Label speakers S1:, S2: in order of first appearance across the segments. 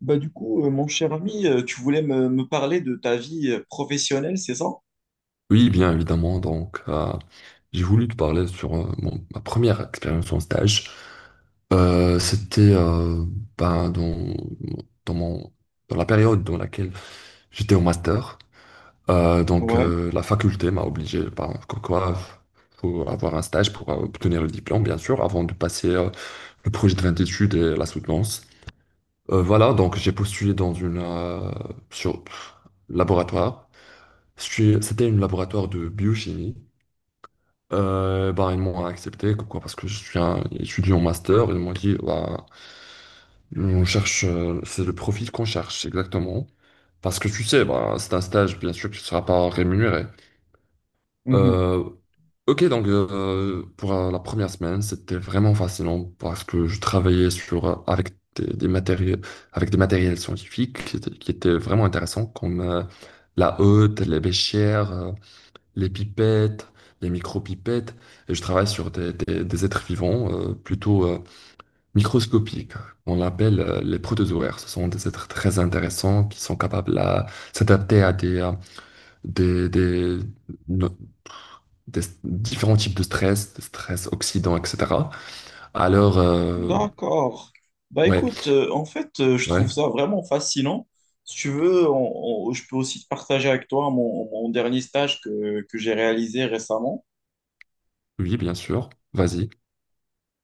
S1: Mon cher ami, tu voulais me parler de ta vie professionnelle, c'est ça?
S2: Oui, bien évidemment. J'ai voulu te parler sur ma première expérience en stage. C'était ben, dans, dans, mon, Dans la période dans laquelle j'étais au master.
S1: Ouais.
S2: La faculté m'a obligé, ben, comme quoi, faut avoir un stage pour obtenir le diplôme, bien sûr, avant de passer le projet de fin d'études et la soutenance. Voilà, donc j'ai postulé dans une sur laboratoire. C'était un laboratoire de biochimie. Bah, ils m'ont accepté, pourquoi? Parce que je suis un étudiant master, ils m'ont dit, bah, on cherche, c'est le profil qu'on cherche, exactement. Parce que tu sais, bah, c'est un stage, bien sûr, que tu ne seras pas rémunéré.
S1: Mhm.
S2: Euh, ok, donc pour la première semaine, c'était vraiment fascinant parce que je travaillais avec des matériels, avec des matériels scientifiques qui étaient vraiment intéressants, comme la hotte, les béchères, les pipettes, les micro-pipettes, et je travaille sur des êtres vivants plutôt microscopiques, on l'appelle les protozoaires. Ce sont des êtres très intéressants qui sont capables à s'adapter à des, des- no- des différents types de stress oxydants, etc. Alors, euh,
S1: D'accord. Bah
S2: ouais,
S1: écoute, en fait, je
S2: ouais,
S1: trouve ça vraiment fascinant. Si tu veux, je peux aussi te partager avec toi mon dernier stage que j'ai réalisé récemment.
S2: oui, bien sûr, vas-y.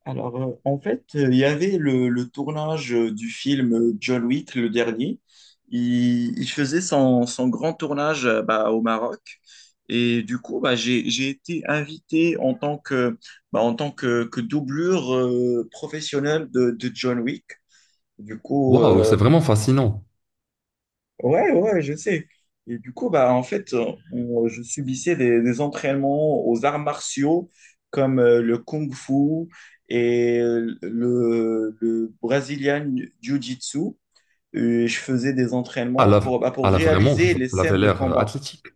S1: Alors, en fait, il y avait le tournage du film John Wick, le dernier. Il faisait son grand tournage au Maroc. Et du coup, bah, j'ai été invité en tant que, bah, en tant que doublure professionnelle de John Wick. Du coup,
S2: Waouh, c'est
S1: euh,
S2: vraiment fascinant.
S1: Ouais, ouais, je sais. Et du coup, bah, en fait, je subissais des entraînements aux arts martiaux comme le Kung Fu et le Brazilian Jiu-Jitsu. Et je faisais des
S2: Ah
S1: entraînements
S2: là,
S1: pour, bah,
S2: ah
S1: pour
S2: là, vraiment, ça
S1: réaliser
S2: ça
S1: les
S2: avait
S1: scènes de
S2: l'air
S1: combat.
S2: athlétique.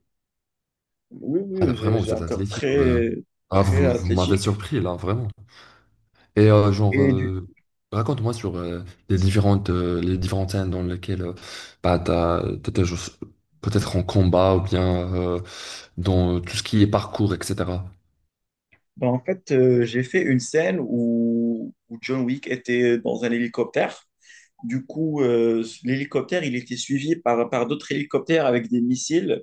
S1: Oui,
S2: Ah là,
S1: oui,
S2: vraiment,
S1: j'ai
S2: vous êtes
S1: un corps
S2: athlétique, ouais.
S1: très,
S2: Ah,
S1: très
S2: vous m'avez
S1: athlétique.
S2: surpris là, vraiment. Et
S1: Et du,
S2: raconte-moi sur les les différentes scènes dans lesquelles bah, t'étais juste peut-être en combat ou bien dans tout ce qui est parcours, etc.
S1: Bah, en fait, j'ai fait une scène où John Wick était dans un hélicoptère. Du coup, l'hélicoptère, il était suivi par d'autres hélicoptères avec des missiles.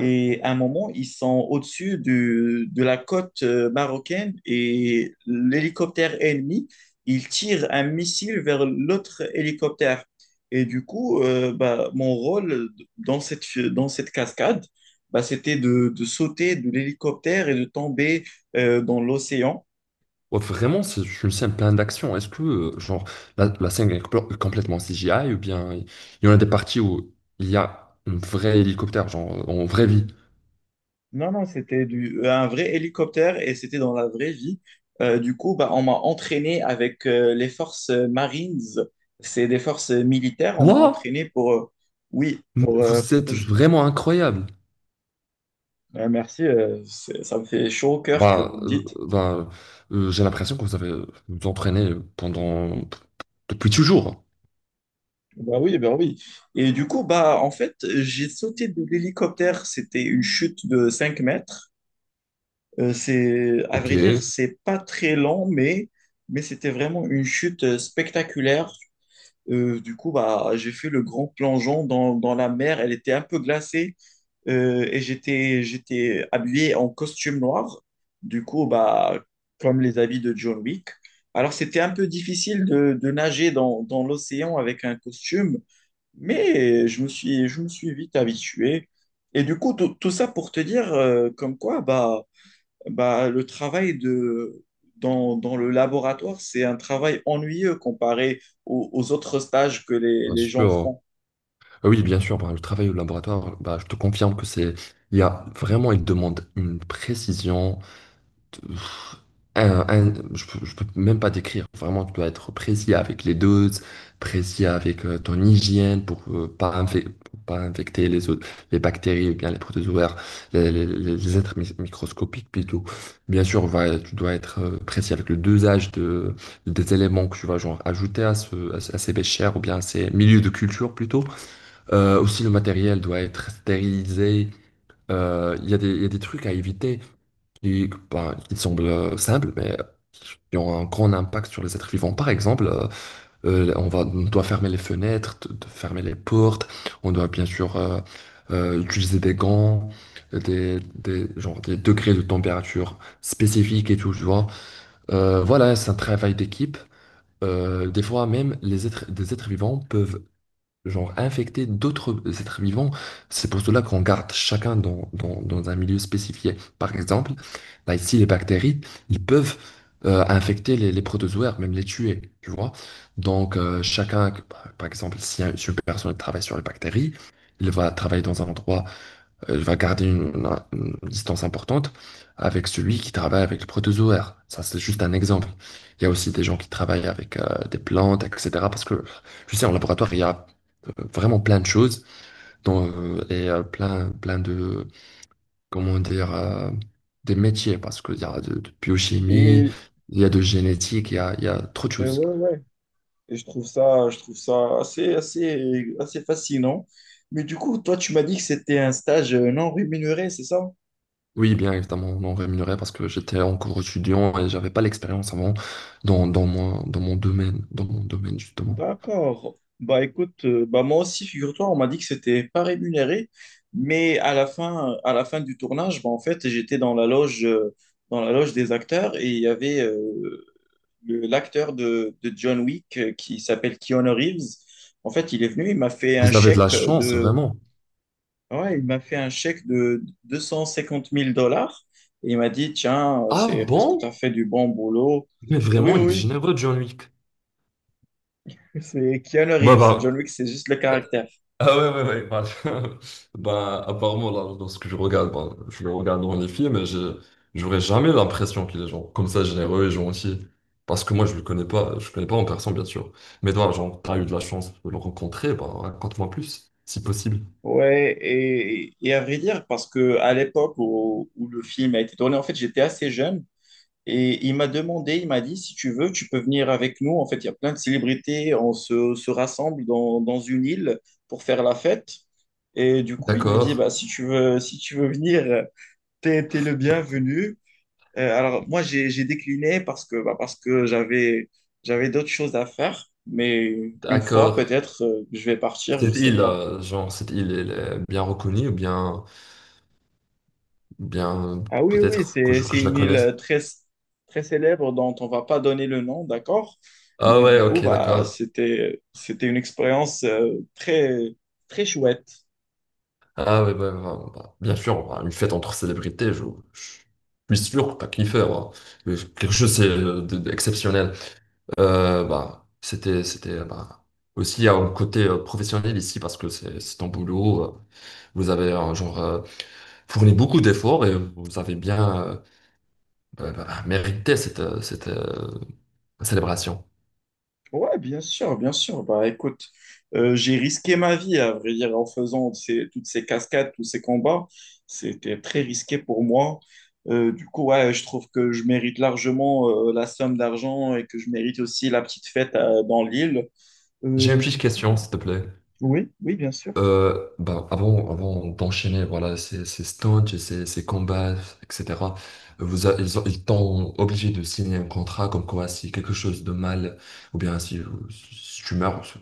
S1: Et à un moment, ils sont de la côte marocaine et l'hélicoptère ennemi, il tire un missile vers l'autre hélicoptère. Et du coup, bah, mon rôle dans cette cascade, bah, c'était de sauter de l'hélicoptère et de tomber dans l'océan.
S2: Ouais, vraiment, c'est une scène pleine d'action. Est-ce que genre la scène est complètement CGI ou bien il y en a des parties où il y a un vrai hélicoptère, genre en vraie vie?
S1: Non, non, un vrai hélicoptère et c'était dans la vraie vie. Du coup, bah, on m'a entraîné avec les forces Marines. C'est des forces militaires. On m'a
S2: Quoi?
S1: entraîné oui,
S2: Mais vous êtes vraiment incroyable.
S1: merci, c'est- ça me fait chaud au cœur que vous
S2: Bah,
S1: le
S2: euh,
S1: dites.
S2: bah, j'ai l'impression que vous avez vous entraîné pendant depuis toujours.
S1: Bah oui, bah oui. Et du coup, bah, en fait, j'ai sauté de l'hélicoptère. C'était une chute de 5 mètres. C'est, à
S2: Ok,
S1: vrai dire,
S2: bien
S1: c'est pas très lent, mais c'était vraiment une chute spectaculaire. Du coup, bah, j'ai fait le grand plongeon dans la mer. Elle était un peu glacée et j'étais habillé en costume noir. Du coup, bah, comme les habits de John Wick. Alors, c'était un peu difficile de nager dans l'océan avec un costume, mais je me suis vite habitué. Et du coup, tout ça pour te dire comme quoi, bah, bah, le travail de, dans, dans le laboratoire, c'est un travail ennuyeux comparé aux autres stages que les gens
S2: sûr.
S1: font.
S2: Ah oui, bien sûr. Bah, le travail au laboratoire, bah, je te confirme il y a vraiment, il demande une précision, pff, je peux même pas décrire. Vraiment, tu dois être précis avec les doses, précis avec ton hygiène pour pas, infec- pour pas infecter les autres, les bactéries ou bien les protozoaires, les êtres microscopiques plutôt. Bien sûr, tu dois être précis avec le dosage des éléments que tu vas genre ajouter à ces béchères ou bien à ces milieux de culture plutôt. Aussi, le matériel doit être stérilisé. Il y a il y a des trucs à éviter qui, bah, qui semblent simples, mais qui ont un grand impact sur les êtres vivants. Par exemple, on doit fermer les fenêtres, fermer les portes, on doit bien sûr utiliser des gants, genre des degrés de température spécifiques et tout, tu vois. Voilà, c'est un travail d'équipe. Des fois même, des êtres vivants peuvent genre infecter d'autres êtres vivants. C'est pour cela qu'on garde chacun dans un milieu spécifié. Par exemple, là ici, les bactéries, ils peuvent infecter les protozoaires, même les tuer, tu vois. Chacun, par exemple, si une personne travaille sur les bactéries, il va travailler dans un endroit va garder une distance importante avec celui qui travaille avec le protozoaire. Ça, c'est juste un exemple. Il y a aussi des gens qui travaillent avec des plantes, etc. Parce que, tu sais, en laboratoire, il y a vraiment plein de choses dont, et plein, plein de, comment dire, des métiers. Parce qu'il y a de biochimie,
S1: Et,
S2: il y a de génétique, il y a trop de
S1: et
S2: choses.
S1: ouais, ouais. Et je trouve ça assez, assez, assez fascinant. Mais du coup, toi, tu m'as dit que c'était un stage non rémunéré, c'est ça?
S2: Oui, bien évidemment, non rémunéré parce que j'étais encore étudiant et j'avais pas l'expérience avant dans mon domaine justement.
S1: D'accord. Bah écoute, bah moi aussi, figure-toi, on m'a dit que c'était pas rémunéré, mais à la fin du tournage, bah en fait, j'étais dans la loge des acteurs et il y avait l'acteur de John Wick qui s'appelle Keanu Reeves. En fait, il est venu, il m'a fait un
S2: Vous avez de la
S1: chèque
S2: chance,
S1: de,
S2: vraiment.
S1: ouais, il m'a fait un chèque de 250 000 $ et il m'a dit, tiens,
S2: Ah
S1: c'est parce que tu as
S2: bon?
S1: fait du bon boulot.
S2: Mais
S1: Oui,
S2: vraiment, il est
S1: oui,
S2: généreux, John Wick.
S1: oui, c'est Keanu
S2: Bah,
S1: Reeves. John
S2: bah.
S1: Wick, c'est juste le caractère.
S2: Ah ouais, ouais, ouais. Bah, bah, apparemment, là, lorsque je regarde, bah, je le regarde dans les films, j'aurais jamais l'impression qu'il est genre comme ça généreux et gentil. Parce que moi, je le connais pas en personne, bien sûr. Mais toi, genre, t'as eu de la chance de le rencontrer, bah, raconte-moi plus, si possible.
S1: Ouais, et à vrai dire, parce que à l'époque où le film a été tourné, en fait, j'étais assez jeune. Et il m'a demandé, il m'a dit, si tu veux, tu peux venir avec nous. En fait, il y a plein de célébrités, se rassemble dans une île pour faire la fête. Et du coup, il m'a dit, bah,
S2: D'accord,
S1: si tu veux, si tu veux venir, t'es le bienvenu. Alors, moi, j'ai décliné parce que, bah, parce que j'avais d'autres choses à faire. Mais une fois,
S2: d'accord.
S1: peut-être, je vais partir, je
S2: Cette
S1: sais
S2: île,
S1: pas.
S2: cette île, elle est bien reconnue ou bien, bien,
S1: Ah oui, oui,
S2: peut-être que que
S1: c'est
S2: je la
S1: une île
S2: connais.
S1: très, très célèbre dont on va pas donner le nom, d'accord?
S2: Ah
S1: Mais
S2: ouais,
S1: du coup,
S2: ok,
S1: bah,
S2: d'accord.
S1: c'était une expérience très, très chouette.
S2: Ah ouais, bah, bien sûr, bah, une fête entre célébrités, je suis sûr que t'as kiffé, bah. Mais quelque chose c'est, d'exceptionnel. C'était, bah, aussi un côté professionnel ici parce que c'est ton boulot. Vous avez fourni beaucoup d'efforts et vous avez bien mérité cette célébration.
S1: Ouais, bien sûr, bien sûr. Bah, écoute, j'ai risqué ma vie, à vrai dire, en faisant ces- toutes ces cascades, tous ces combats. C'était très risqué pour moi. Du coup, ouais, je trouve que je mérite largement la somme d'argent et que je mérite aussi la petite fête dans l'île.
S2: J'ai une
S1: Euh, du
S2: petite question,
S1: coup,
S2: s'il te plaît.
S1: oui, oui, bien sûr.
S2: Avant d'enchaîner, voilà, ces stunts et ces combats, etc., vous a- ils ont- ils t'ont obligé de signer un contrat comme quoi si quelque chose de mal, ou bien si, si tu meurs, je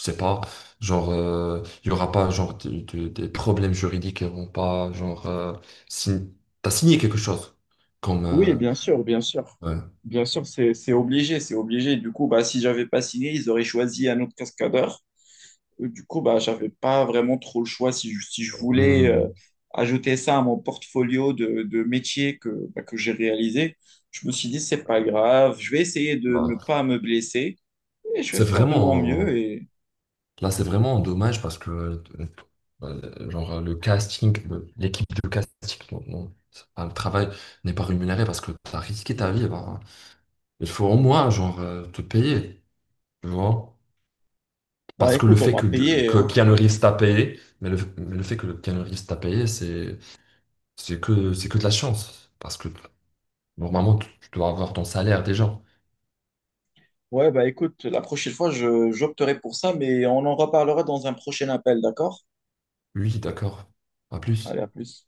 S2: sais pas, genre, il y aura pas, genre, des problèmes juridiques, ils vont pas, genre, sign- t'as signé quelque chose, comme,
S1: Oui, bien sûr, bien sûr.
S2: ouais.
S1: Bien sûr, c'est obligé, c'est obligé. Du coup, bah, si j'avais pas signé, ils auraient choisi un autre cascadeur. Du coup, bah, j'avais pas vraiment trop le choix si si je voulais
S2: Hmm,
S1: ajouter ça à mon portfolio de métier que, bah, que j'ai réalisé. Je me suis dit, c'est pas grave, je vais essayer de ne
S2: bah,
S1: pas me blesser et je vais
S2: c'est
S1: faire de mon mieux.
S2: vraiment,
S1: Et
S2: là, c'est vraiment dommage parce que genre le casting, l'équipe de casting, non, non, c'est pas- le travail n'est pas rémunéré parce que tu as risqué ta vie. Bah, il faut au moins genre te payer, tu vois.
S1: bah,
S2: Parce que le
S1: écoute, on
S2: fait
S1: m'a payé,
S2: que
S1: hein.
S2: Keanu Reeves t'a payé, mais mais le fait que Keanu Reeves t'a payé, c'est que de la chance. Parce que normalement, tu dois avoir ton salaire déjà.
S1: Ouais, bah, écoute, la prochaine fois, j'opterai pour ça, mais on en reparlera dans un prochain appel, d'accord?
S2: Oui, d'accord, pas
S1: Allez,
S2: plus.
S1: à plus.